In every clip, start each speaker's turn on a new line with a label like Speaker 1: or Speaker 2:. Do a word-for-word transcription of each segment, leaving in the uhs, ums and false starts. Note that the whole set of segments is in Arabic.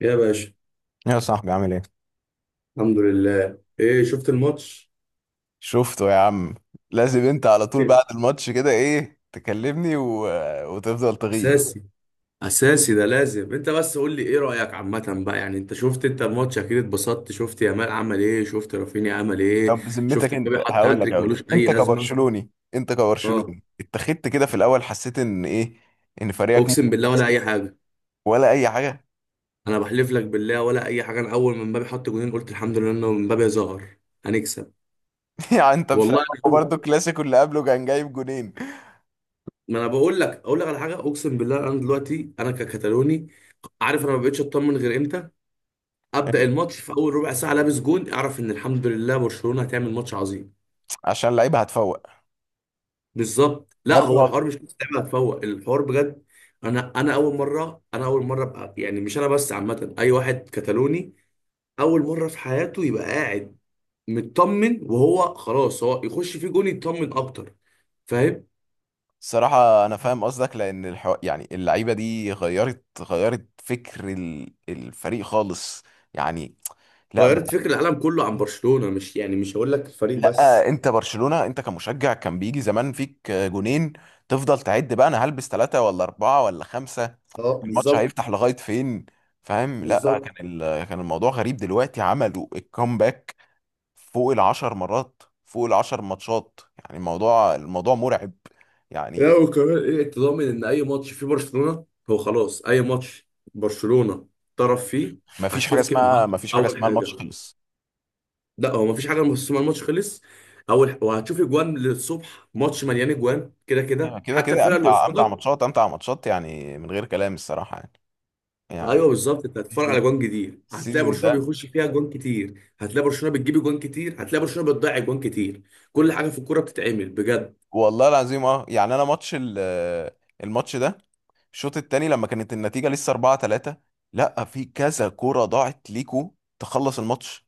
Speaker 1: يا باشا.
Speaker 2: يا صاحبي عامل ايه؟
Speaker 1: الحمد لله، ايه شفت الماتش؟
Speaker 2: شفته يا عم. لازم انت على طول
Speaker 1: إيه؟
Speaker 2: بعد الماتش كده ايه تكلمني و... وتفضل تغيظ.
Speaker 1: اساسي، اساسي ده لازم انت بس قول لي ايه رايك عامه بقى، يعني انت شفت، انت الماتش اكيد اتبسطت، شفت يامال عمل ايه، شفت رافينيا عمل ايه،
Speaker 2: طب بذمتك
Speaker 1: شفت مبابي
Speaker 2: انت،
Speaker 1: حط
Speaker 2: هقول لك
Speaker 1: هاتريك
Speaker 2: هقول
Speaker 1: ملوش
Speaker 2: لك
Speaker 1: اي
Speaker 2: انت
Speaker 1: لازمه.
Speaker 2: كبرشلوني انت
Speaker 1: اه،
Speaker 2: كبرشلوني اتخذت كده في الاول، حسيت ان ايه، ان فريقك ممكن
Speaker 1: اقسم بالله ولا
Speaker 2: يكسب
Speaker 1: اي حاجه.
Speaker 2: ولا اي حاجه.
Speaker 1: انا بحلف لك بالله ولا اي حاجه، انا اول ما مبابي حط جونين قلت الحمد لله انه مبابي ظهر، هنكسب.
Speaker 2: يعني انت فاهم،
Speaker 1: والله انا
Speaker 2: هو
Speaker 1: أول.
Speaker 2: برضه الكلاسيكو اللي قبله كان جايب جونين.
Speaker 1: ما انا بقول لك اقول لك على حاجه، اقسم بالله، انا دلوقتي انا ككتالوني، عارف انا ما بقتش اطمن غير امتى؟ ابدا، الماتش في اول ربع ساعه لابس جون اعرف ان الحمد لله برشلونه هتعمل ماتش عظيم.
Speaker 2: عشان اللعيبه هتفوق.
Speaker 1: بالظبط، لا
Speaker 2: يا ابني
Speaker 1: هو
Speaker 2: والله.
Speaker 1: الحوار مش بس لعبه هتفوق، الحوار بجد. انا انا اول مره انا اول مره ابقى، يعني مش انا بس، عامه اي واحد كتالوني اول مره في حياته يبقى قاعد مطمن، وهو خلاص هو يخش فيه جون يطمن اكتر. فاهم؟
Speaker 2: الصراحه انا فاهم قصدك، لان الحو... يعني اللعيبه دي غيرت غيرت فكر ال- الفريق خالص. يعني، لا،
Speaker 1: غيرت فكر العالم كله عن برشلونه، مش يعني مش هقول لك الفريق
Speaker 2: لا
Speaker 1: بس.
Speaker 2: انت برشلونة، انت كمشجع كان بيجي زمان فيك جونين، تفضل تعد بقى، انا هلبس ثلاثة ولا أربعة ولا خمسة،
Speaker 1: اه
Speaker 2: الماتش
Speaker 1: بالظبط،
Speaker 2: هيفتح لغاية فين؟ فاهم. لا،
Speaker 1: بالظبط.
Speaker 2: كان ال... كان الموضوع غريب، دلوقتي عملوا الكومباك فوق العشر مرات، فوق العشر ماتشات. يعني الموضوع الموضوع مرعب يعني.
Speaker 1: لا وكمان ايه، انت ضامن ان اي ماتش فيه برشلونه هو خلاص، اي ماتش برشلونه طرف فيه
Speaker 2: ما فيش حاجة
Speaker 1: هتشوف كده.
Speaker 2: اسمها، ما فيش حاجة
Speaker 1: اول
Speaker 2: اسمها الماتش
Speaker 1: حاجه،
Speaker 2: خلص.
Speaker 1: لا هو مفيش حاجه بس ما الماتش خلص، اول ح- وهتشوف اجوان للصبح، ماتش مليان اجوان كده كده
Speaker 2: يعني كده
Speaker 1: حتى
Speaker 2: كده،
Speaker 1: الفرقه اللي
Speaker 2: امتع امتع
Speaker 1: قصادك.
Speaker 2: ماتشات، امتع ماتشات، يعني من غير كلام الصراحة يعني.
Speaker 1: ايوه
Speaker 2: يعني
Speaker 1: بالظبط، انت هتتفرج على
Speaker 2: السيزون
Speaker 1: اجوان جديد، هتلاقي
Speaker 2: السيزون
Speaker 1: برشلونه
Speaker 2: ده.
Speaker 1: بيخش فيها اجوان كتير، هتلاقي برشلونه بتجيب اجوان كتير، هتلاقي برشلونه بتضيع اجوان كتير. كل حاجه في الكوره بتتعمل بجد.
Speaker 2: والله العظيم، اه يعني انا ماتش ال- آه، الماتش ده، الشوط التاني لما كانت النتيجة لسه أربعة تلاتة، لا في كذا كورة ضاعت ليكو تخلص الماتش،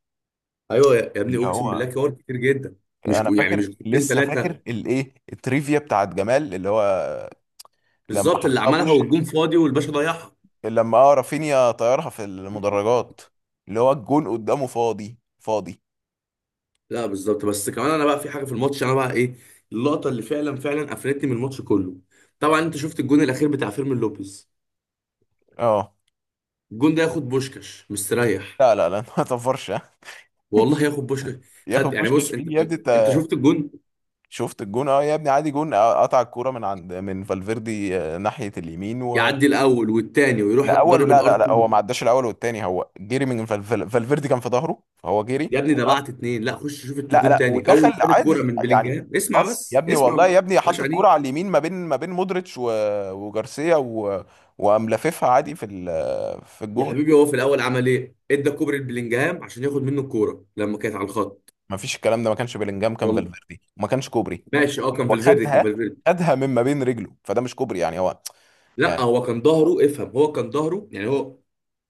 Speaker 1: ايوه يا يا ابني،
Speaker 2: اللي
Speaker 1: اقسم
Speaker 2: هو
Speaker 1: بالله كور كتير جدا. مش
Speaker 2: انا
Speaker 1: كو- يعني مش
Speaker 2: فاكر،
Speaker 1: كورتين
Speaker 2: لسه فاكر
Speaker 1: ثلاثه.
Speaker 2: الايه، التريفيا بتاعت جمال، اللي هو لما
Speaker 1: بالظبط، اللي
Speaker 2: حطها
Speaker 1: عملها
Speaker 2: بوش،
Speaker 1: والجون فاضي والباشا ضيعها.
Speaker 2: لما اه رافينيا طيرها في المدرجات، اللي هو الجون قدامه فاضي فاضي.
Speaker 1: لا بالظبط، بس كمان انا بقى في حاجه في الماتش انا بقى ايه، اللقطه اللي فعلا فعلا قفلتني من الماتش كله. طبعا انت شفت الجون الاخير بتاع فيرمين لوبيز،
Speaker 2: اه،
Speaker 1: الجون ده ياخد بوشكاش مستريح.
Speaker 2: لا لا لا. ما تفرش ها.
Speaker 1: والله ياخد بوشكاش.
Speaker 2: ياخد
Speaker 1: خد يعني، بص
Speaker 2: بوشكاش مين يا
Speaker 1: انت،
Speaker 2: ابني؟
Speaker 1: انت شفت الجون
Speaker 2: شفت الجون، اه يا ابني، عادي جون، آه، قطع الكوره من عند من فالفيردي، آه، ناحيه اليمين و...
Speaker 1: يعدي الاول والتاني ويروح
Speaker 2: لا اول،
Speaker 1: ضارب
Speaker 2: لا
Speaker 1: الار
Speaker 2: لا لا،
Speaker 1: اتنين.
Speaker 2: هو ما عداش الاول والتاني، هو جري من فال- فال- فالفيردي، كان في ظهره فهو جري.
Speaker 1: يا ابني ده بعت اتنين. لا خش شوف
Speaker 2: لا
Speaker 1: الجون
Speaker 2: لا،
Speaker 1: تاني، اول ما
Speaker 2: ودخل
Speaker 1: كان الكوره
Speaker 2: عادي
Speaker 1: من
Speaker 2: يعني.
Speaker 1: بلينجهام، اسمع
Speaker 2: اص يا
Speaker 1: بس
Speaker 2: ابني والله،
Speaker 1: اسمع،
Speaker 2: يا ابني
Speaker 1: مش
Speaker 2: حط
Speaker 1: عليه.
Speaker 2: الكوره على اليمين ما بين ما بين مودريتش و... وجارسيا و... وقام لاففها عادي في ال... في
Speaker 1: يا
Speaker 2: الجون.
Speaker 1: حبيبي هو في الاول عمل ايه، ادى كوبري لبلينجهام عشان ياخد منه الكوره لما كانت على الخط.
Speaker 2: ما فيش الكلام ده، ما كانش بيلينجهام، كان فالفيردي، وما كانش كوبري،
Speaker 1: ماشي اه، كان فالفيردي كان
Speaker 2: وخدها،
Speaker 1: فالفيردي
Speaker 2: خدها من ما بين رجله، فده مش كوبري يعني هو.
Speaker 1: لا هو كان ظهره، افهم، هو كان ظهره، يعني هو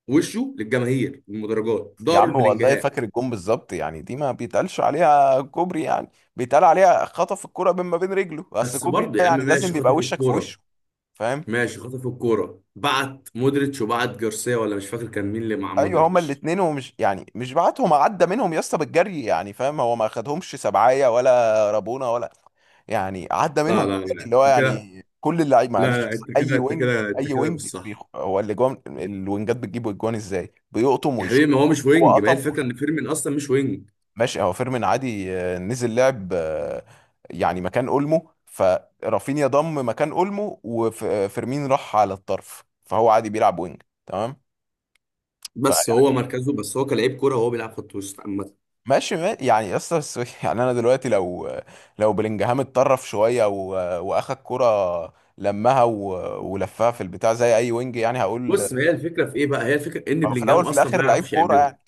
Speaker 1: وشه للجماهير المدرجات
Speaker 2: يا
Speaker 1: ظهره
Speaker 2: عم والله
Speaker 1: لبلينجهام.
Speaker 2: فاكر الجون بالظبط، يعني دي ما بيتقالش عليها كوبري يعني، بيتقال عليها خطف الكرة بين ما بين رجله، بس
Speaker 1: بس
Speaker 2: كوبري
Speaker 1: برضه
Speaker 2: ده
Speaker 1: يا عم
Speaker 2: يعني لازم
Speaker 1: ماشي
Speaker 2: بيبقى
Speaker 1: خطف
Speaker 2: وشك في
Speaker 1: الكوره،
Speaker 2: وشه. فاهم.
Speaker 1: ماشي خطف الكوره بعت مودريتش وبعت جارسيا، ولا مش فاكر كان مين اللي مع
Speaker 2: ايوه هما
Speaker 1: مودريتش.
Speaker 2: الاثنين، ومش يعني مش بعتهم، عدى منهم يا اسطى بالجري يعني، فاهم، هو ما خدهمش سبعايه ولا رابونه ولا، يعني عدى
Speaker 1: لا
Speaker 2: منهم
Speaker 1: لا
Speaker 2: بالجري،
Speaker 1: لا
Speaker 2: اللي هو
Speaker 1: انت كده
Speaker 2: يعني كل اللعيب
Speaker 1: لا
Speaker 2: معلش.
Speaker 1: لا انت كده
Speaker 2: اي
Speaker 1: انت
Speaker 2: وينج،
Speaker 1: كده انت
Speaker 2: اي
Speaker 1: كده مش
Speaker 2: وينج، بيخ...
Speaker 1: صح.
Speaker 2: هو الاجوان الوينجات بتجيب اجوان ازاي؟ بيقطم
Speaker 1: يا
Speaker 2: ويشوط.
Speaker 1: حبيبي ما هو مش
Speaker 2: هو
Speaker 1: وينج، ما هي
Speaker 2: قطم.
Speaker 1: الفكره ان فيرمين اصلا مش وينج.
Speaker 2: ماشي، هو فيرمين عادي، آه، نزل لعب، آه، يعني مكان اولمو، فرافينيا ضم مكان اولمو، وفيرمين راح على الطرف، فهو عادي بيلعب وينج تمام.
Speaker 1: بس هو
Speaker 2: فيعني
Speaker 1: مركزه، بس هو كلاعب كوره هو بيلعب خط وسط عامه.
Speaker 2: ماشي، ما- يعني اصلا، يعني انا دلوقتي لو، لو بلينجهام اتطرف شويه و- واخد كرة لمها و- ولفها في البتاع زي اي وينج، يعني هقول،
Speaker 1: بص، ما هي الفكره في ايه بقى، هي الفكره ان
Speaker 2: هو في
Speaker 1: بلينجهام
Speaker 2: الاول في
Speaker 1: اصلا ما
Speaker 2: الاخر لعيب
Speaker 1: يعرفش
Speaker 2: كوره
Speaker 1: يعملها،
Speaker 2: يعني.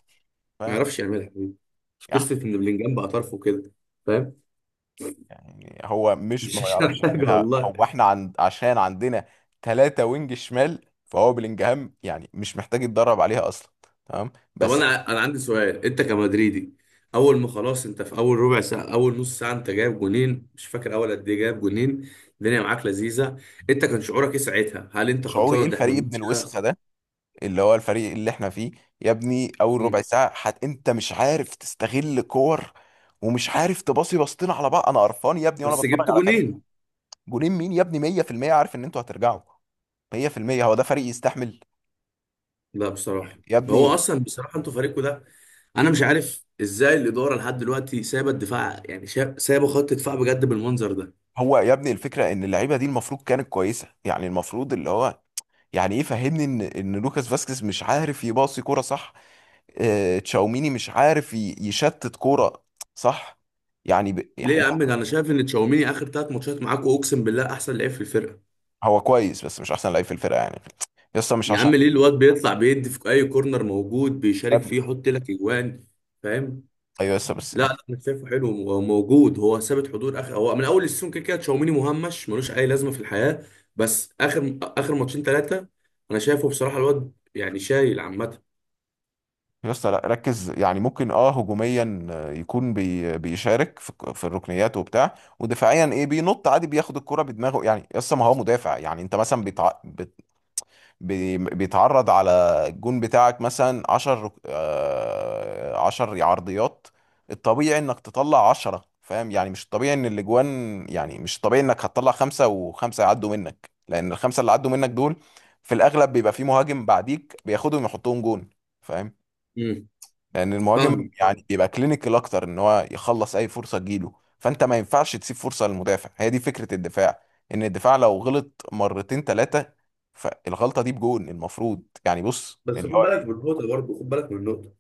Speaker 1: ما
Speaker 2: فاهم.
Speaker 1: يعرفش يعملها يا حبيبي، مش قصه ان بلينجهام بقى طرف وكده. فاهم؟
Speaker 2: يعني هو مش ما
Speaker 1: مش
Speaker 2: يعرفش
Speaker 1: عشان حاجه
Speaker 2: يعملها،
Speaker 1: والله.
Speaker 2: هو احنا عند، عشان عندنا ثلاثة وينج شمال، فهو بلينجهام يعني مش محتاج يتدرب عليها اصلا، تمام
Speaker 1: طب
Speaker 2: بس.
Speaker 1: انا انا عندي سؤال، انت كمدريدي اول ما خلاص انت في اول ربع ساعه، اول نص ساعه انت جايب جونين، مش فاكر اول قد ايه جايب جونين، الدنيا معاك لذيذه، انت كان شعورك ايه ساعتها، هل انت
Speaker 2: شعوري ايه،
Speaker 1: خلصان ده احنا
Speaker 2: الفريق ابن
Speaker 1: الماتش
Speaker 2: الوسخة
Speaker 1: ده؟
Speaker 2: ده، اللي هو الفريق اللي احنا فيه، يا ابني اول
Speaker 1: مم.
Speaker 2: ربع ساعة حت انت مش عارف تستغل كور، ومش عارف تباصي باصتين على بعض، انا قرفان يا ابني وانا
Speaker 1: بس
Speaker 2: بتفرج
Speaker 1: جبت
Speaker 2: على فريق.
Speaker 1: جونين.
Speaker 2: جولين مين يا ابني؟ مية في المية عارف ان انتوا هترجعوا، مية في المية هو ده فريق يستحمل،
Speaker 1: لا بصراحه،
Speaker 2: يا
Speaker 1: ما هو
Speaker 2: ابني.
Speaker 1: اصلا بصراحه انتوا فريقكم ده، انا مش عارف ازاي الاداره لحد دلوقتي سايبه الدفاع، يعني شا- سايبه خط دفاع بجد بالمنظر ده.
Speaker 2: هو يا ابني الفكرة ان اللعيبة دي المفروض كانت كويسة يعني، المفروض اللي هو، يعني ايه فهمني، ان ان لوكاس فاسكيز مش عارف يباصي كوره، صح؟ آه، تشاوميني مش عارف ي- يشتت كوره، صح؟ يعني ب...
Speaker 1: ليه
Speaker 2: يعني
Speaker 1: يا عم، ده انا
Speaker 2: لا،
Speaker 1: شايف ان تشاوميني اخر ثلاث ماتشات معاكوا اقسم بالله احسن لعيب في الفرقه.
Speaker 2: هو كويس بس مش احسن لعيب في الفرقه يعني، يا اسطى مش
Speaker 1: يا
Speaker 2: عشان،
Speaker 1: عم ليه الواد بيطلع بيدي في اي كورنر موجود
Speaker 2: يا
Speaker 1: بيشارك فيه
Speaker 2: ابني.
Speaker 1: يحط لك اجوان. فاهم؟
Speaker 2: ايوه يا اسطى بس
Speaker 1: لا لا،
Speaker 2: يعني.
Speaker 1: انا شايفه حلو وموجود، هو ثابت حضور اخر، هو من اول السيزون كده كده تشاوميني مهمش ملوش اي لازمه في الحياه، بس اخر اخر ماتشين ثلاثه انا شايفه بصراحه الواد يعني شايل عامه.
Speaker 2: يا اسطى لا ركز، يعني ممكن اه هجوميا، آه، يكون بي... بيشارك في... في الركنيات وبتاع، ودفاعيا ايه، بينط عادي، بياخد الكوره بدماغه، يعني يا اسطى ما هو مدافع. يعني انت مثلا بتع... بي- بيتعرض على الجون بتاعك مثلا عشر، عشرة عرضيات، الطبيعي انك تطلع عشرة، فاهم يعني، مش الطبيعي ان الاجوان، يعني مش الطبيعي انك هتطلع خمسة وخمسة يعدوا منك، لان الخمسة اللي عدوا منك دول في الاغلب بيبقى في مهاجم بعديك بياخدهم يحطهم جون. فاهم.
Speaker 1: امم.
Speaker 2: لان المهاجم
Speaker 1: فاهم، فاهم.
Speaker 2: يعني بيبقى كلينيكال اكتر، ان هو يخلص اي فرصه تجيله، فانت ما ينفعش تسيب فرصه للمدافع، هي دي فكره الدفاع، ان الدفاع لو غلط مرتين ثلاثه، فالغلطه دي بجون المفروض، يعني بص
Speaker 1: بس
Speaker 2: اللي
Speaker 1: خد
Speaker 2: هو
Speaker 1: بالك من
Speaker 2: ايه.
Speaker 1: النقطه برضه، خد بالك من النقطه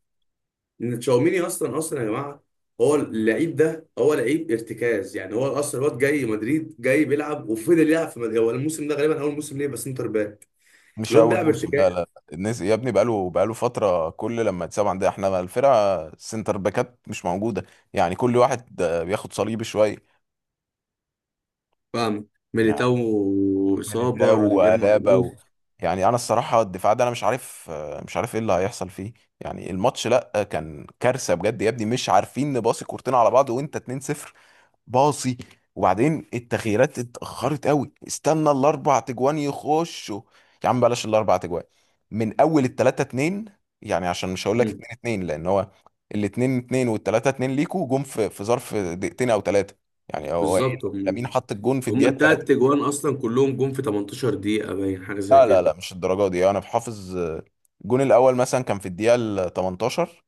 Speaker 1: ان تشاوميني اصلا اصلا يا جماعه، هو اللعيب ده هو لعيب ارتكاز، يعني هو اصلا الواد جاي مدريد، جاي بيلعب وفضل يلعب في مدريد، هو الموسم ده غالبا اول موسم ليه بس سنتر باك،
Speaker 2: مش
Speaker 1: الواد
Speaker 2: اول
Speaker 1: بيلعب
Speaker 2: موسم، لا
Speaker 1: ارتكاز.
Speaker 2: لا الناس يا ابني بقاله بقاله فتره، كل لما تسمع عندنا احنا الفرقه، سنتر باكات مش موجوده، يعني كل واحد آه، بياخد صليبي شويه
Speaker 1: فاهم؟ ميليتاو
Speaker 2: يعني.
Speaker 1: اصابه،
Speaker 2: ده
Speaker 1: روديجير
Speaker 2: ولا
Speaker 1: موقوف.
Speaker 2: بو. يعني انا الصراحه الدفاع ده انا مش عارف، مش عارف ايه اللي هيحصل فيه. يعني الماتش لا كان كارثه بجد يا ابني، مش عارفين نباصي كورتين على بعض وانت اتنين صفر، باصي. وبعدين التغييرات اتاخرت قوي، استنى الاربع تجوان يخشوا. يا عم بلاش الاربع تجوان، من اول التلاتة اتنين يعني، عشان مش هقول لك
Speaker 1: مم.
Speaker 2: اتنين اتنين، لان هو الاتنين اتنين والتلاتة اتنين ليكوا جم في في ظرف دقيقتين او ثلاثه. يعني هو إيه،
Speaker 1: بالظبط، هم
Speaker 2: لامين حط الجون في
Speaker 1: هم
Speaker 2: الدقيقه.
Speaker 1: التلات تجوان اصلا كلهم جم في تمنتاشر دقيقه باين حاجه زي
Speaker 2: لا لا
Speaker 1: كده،
Speaker 2: لا، مش الدرجه دي، انا بحافظ، آه، الجون الاول مثلا كان في الدقيقه ال تمنتاشر،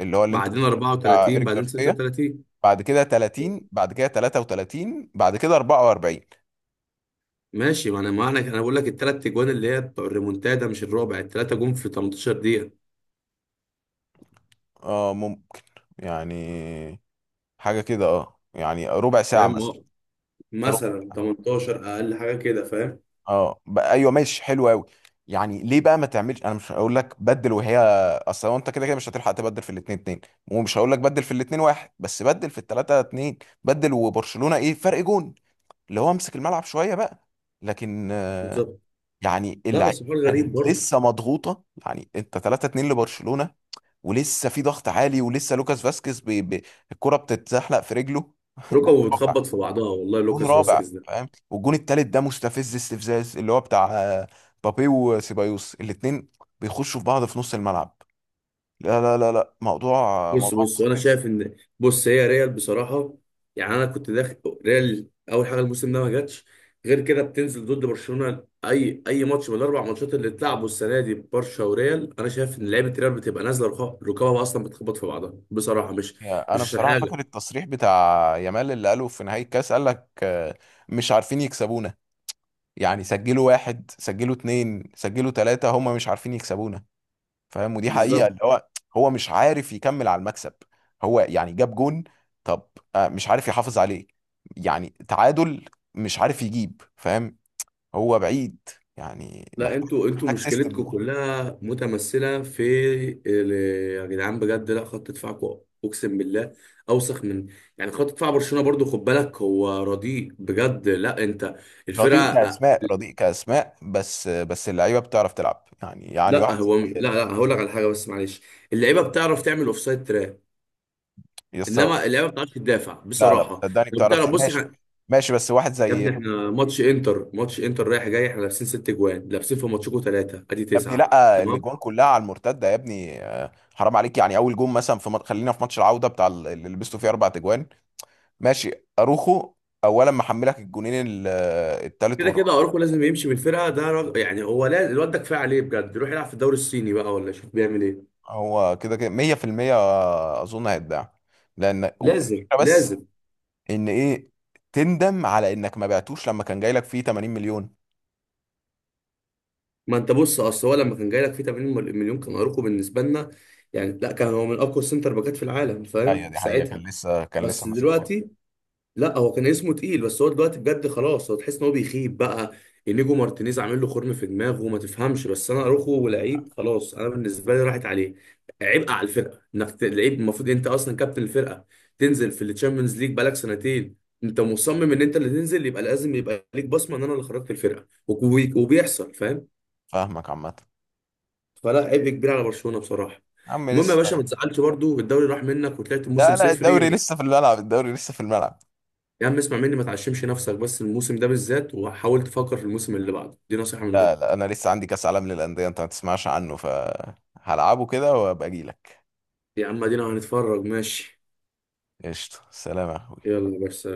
Speaker 2: اللي هو اللي انتوا كنتوا-
Speaker 1: بعدين
Speaker 2: بتاع
Speaker 1: اربعة وثلاثين
Speaker 2: ايريك
Speaker 1: بعدين
Speaker 2: جارسيا،
Speaker 1: ستة وثلاثين.
Speaker 2: بعد كده تلاتين، بعد كده تلاتة وتلاتين، بعد كده اربعة واربعين.
Speaker 1: ماشي، ما انا ما انا أنا بقول لك التلات تجوان اللي هي بتوع الريمونتادا مش الرابع، التلاته جم في تمنتاشر دقيقه.
Speaker 2: اه ممكن، يعني حاجه كده، اه يعني ربع ساعه مثلا،
Speaker 1: فاهم؟
Speaker 2: في ربع.
Speaker 1: مثلا تمنتاشر اقل حاجه كده. فاهم؟
Speaker 2: اه، ب- ايوه ماشي، حلو قوي. يعني ليه بقى ما تعملش، انا مش هقول لك بدل وهي، اصل هو انت كده كده مش هتلحق تبدل في الاثنين اتنين، ومش هقول لك بدل في الاثنين واحد، بس بدل في الثلاثه اتنين، بدل، وبرشلونه ايه، فرق جون، اللي هو امسك الملعب شويه بقى. لكن آه،
Speaker 1: بالظبط.
Speaker 2: يعني
Speaker 1: لا
Speaker 2: اللعيبه
Speaker 1: بس حوار غريب
Speaker 2: كانت
Speaker 1: برضه.
Speaker 2: لسه مضغوطه، يعني انت تلاتة اتنين لبرشلونه ولسه في ضغط عالي، ولسه لوكاس فاسكيز بي بي الكره بتتزحلق في رجله. جون
Speaker 1: ركبه
Speaker 2: رابع،
Speaker 1: بتخبط في بعضها والله،
Speaker 2: جون
Speaker 1: لوكاس
Speaker 2: رابع،
Speaker 1: فاسكيز ده.
Speaker 2: فاهم؟ والجون التالت ده مستفز، استفزاز، اللي هو بتاع آه، بابي وسيبايوس، الاتنين بيخشوا في بعض في نص الملعب، لا لا لا لا، موضوع
Speaker 1: بص
Speaker 2: موضوع
Speaker 1: بص، وانا
Speaker 2: مستفز.
Speaker 1: شايف ان بص هي ريال بصراحه، يعني انا كنت داخل ريال اول حاجه الموسم ده ما جاتش غير كده بتنزل ضد برشلونه، اي اي ماتش من الاربع ماتشات اللي اتلعبوا السنه دي ببرشا وريال انا شايف ان لعيبه ريال بتبقى نازله ركبها ركبها اصلا بتخبط في بعضها بصراحه، مش
Speaker 2: يا-
Speaker 1: مش
Speaker 2: انا
Speaker 1: عشان
Speaker 2: بصراحه فاكر
Speaker 1: حاجه.
Speaker 2: التصريح بتاع يامال اللي قاله في نهايه الكاس، قال لك آه، مش عارفين يكسبونا، يعني سجلوا واحد، سجلوا اتنين، سجلوا تلاتة، هم مش عارفين يكسبونا، فاهم، ودي حقيقة،
Speaker 1: بالظبط.
Speaker 2: اللي هو هو مش عارف يكمل على المكسب، هو يعني جاب جون، طب، آه، مش عارف يحافظ عليه، يعني تعادل، مش عارف يجيب، فاهم، هو بعيد، يعني
Speaker 1: لا
Speaker 2: محتاج
Speaker 1: انتوا انتوا
Speaker 2: محتاج سيستم.
Speaker 1: مشكلتكم كلها متمثله في ال- يا جدعان بجد، لا خط دفاعكم اقسم بالله اوسخ من، يعني خط دفاع برشلونه برضو خد بالك هو رديء بجد، لا انت
Speaker 2: رديء
Speaker 1: الفرقه.
Speaker 2: كأسماء، رديء كأسماء، بس بس اللعيبة بتعرف تلعب يعني يعني
Speaker 1: لا
Speaker 2: واحد
Speaker 1: هو
Speaker 2: زي،
Speaker 1: لا لا هقول لك على حاجه بس معلش، اللعيبه بتعرف تعمل اوفسايد تراب،
Speaker 2: يستوعب.
Speaker 1: انما اللعيبه ما بتعرفش تدافع
Speaker 2: لا لا
Speaker 1: بصراحه.
Speaker 2: صدقني
Speaker 1: لو
Speaker 2: بتعرف
Speaker 1: بتعرف بص
Speaker 2: ماشي،
Speaker 1: احنا،
Speaker 2: ماشي بس واحد
Speaker 1: يا
Speaker 2: زي،
Speaker 1: ابني احنا ماتش انتر، ماتش انتر رايح جاي احنا لابسين ست جوان، لابسين في ماتشكم ثلاثه ادي
Speaker 2: يا ابني،
Speaker 1: تسعه،
Speaker 2: لا
Speaker 1: تمام؟
Speaker 2: الاجوان كلها على المرتده يا ابني، آه، حرام عليك، يعني اول جون مثلا في مط- خلينا في ماتش العوده بتاع ال- اللي لبسته فيه اربع اجوان، ماشي، اروخو اولا محملك الجونين ال- آه، التالت
Speaker 1: كده كده
Speaker 2: والرابع.
Speaker 1: اروخو لازم يمشي من الفرقه، ده رج... يعني هو لازم، الواد ده كفايه عليه بجد، يروح يلعب في الدوري الصيني بقى، ولا شوف بيعمل ايه.
Speaker 2: هو كده كده مية في المية، اظن هيتباع، لان و-
Speaker 1: لازم
Speaker 2: الفكره بس،
Speaker 1: لازم.
Speaker 2: ان ايه، تندم على انك ما بعتوش لما كان جاي لك فيه تمانين مليون.
Speaker 1: ما انت بص، اصل هو لما كان جاي لك فيه تمانين مل- مليون كان اروخو بالنسبه لنا يعني، لا كان هو من اقوى السنتر باكات في العالم
Speaker 2: ايوه
Speaker 1: فاهم
Speaker 2: دي
Speaker 1: في
Speaker 2: حقيقه،
Speaker 1: ساعتها.
Speaker 2: كان لسه كان لسه
Speaker 1: بس
Speaker 2: ماسك فيه.
Speaker 1: دلوقتي، لا هو كان اسمه تقيل بس هو دلوقتي بجد خلاص هو تحس ان هو بيخيب بقى، انيجو مارتينيز عامل له خرم في دماغه ما تفهمش، بس انا اروخو لعيب خلاص، انا بالنسبه لي راحت عليه، عبء على الفرقه، انك ت- لعيب المفروض انت اصلا كابتن الفرقه تنزل في التشامبيونز ليج بقالك سنتين، انت مصمم ان انت اللي تنزل يبقى لازم يبقى ليك بصمه ان انا اللي خرجت الفرقه وك- وبيحصل. فاهم؟
Speaker 2: فاهمك عامه.
Speaker 1: فلا، عبء كبير على برشلونه بصراحه.
Speaker 2: يا عم
Speaker 1: المهم يا باشا، ما
Speaker 2: لسه،
Speaker 1: تزعلش برضو الدوري راح منك وطلعت الموسم
Speaker 2: لا لا،
Speaker 1: صفري
Speaker 2: الدوري
Speaker 1: بس.
Speaker 2: لسه في الملعب، الدوري لسه في الملعب.
Speaker 1: يا عم اسمع مني، ما تعشمش نفسك بس الموسم ده بالذات، وحاول تفكر في الموسم اللي بعده، دي نصيحة من
Speaker 2: لا
Speaker 1: اخوك.
Speaker 2: لا، انا لسه عندي كاس عالم للانديه انت ما تسمعش عنه، فهلعبه كده وابقى اجي لك،
Speaker 1: يا عم ادينا هنتفرج ماشي.
Speaker 2: قشطه، سلام يا اخوي.
Speaker 1: يلا بس.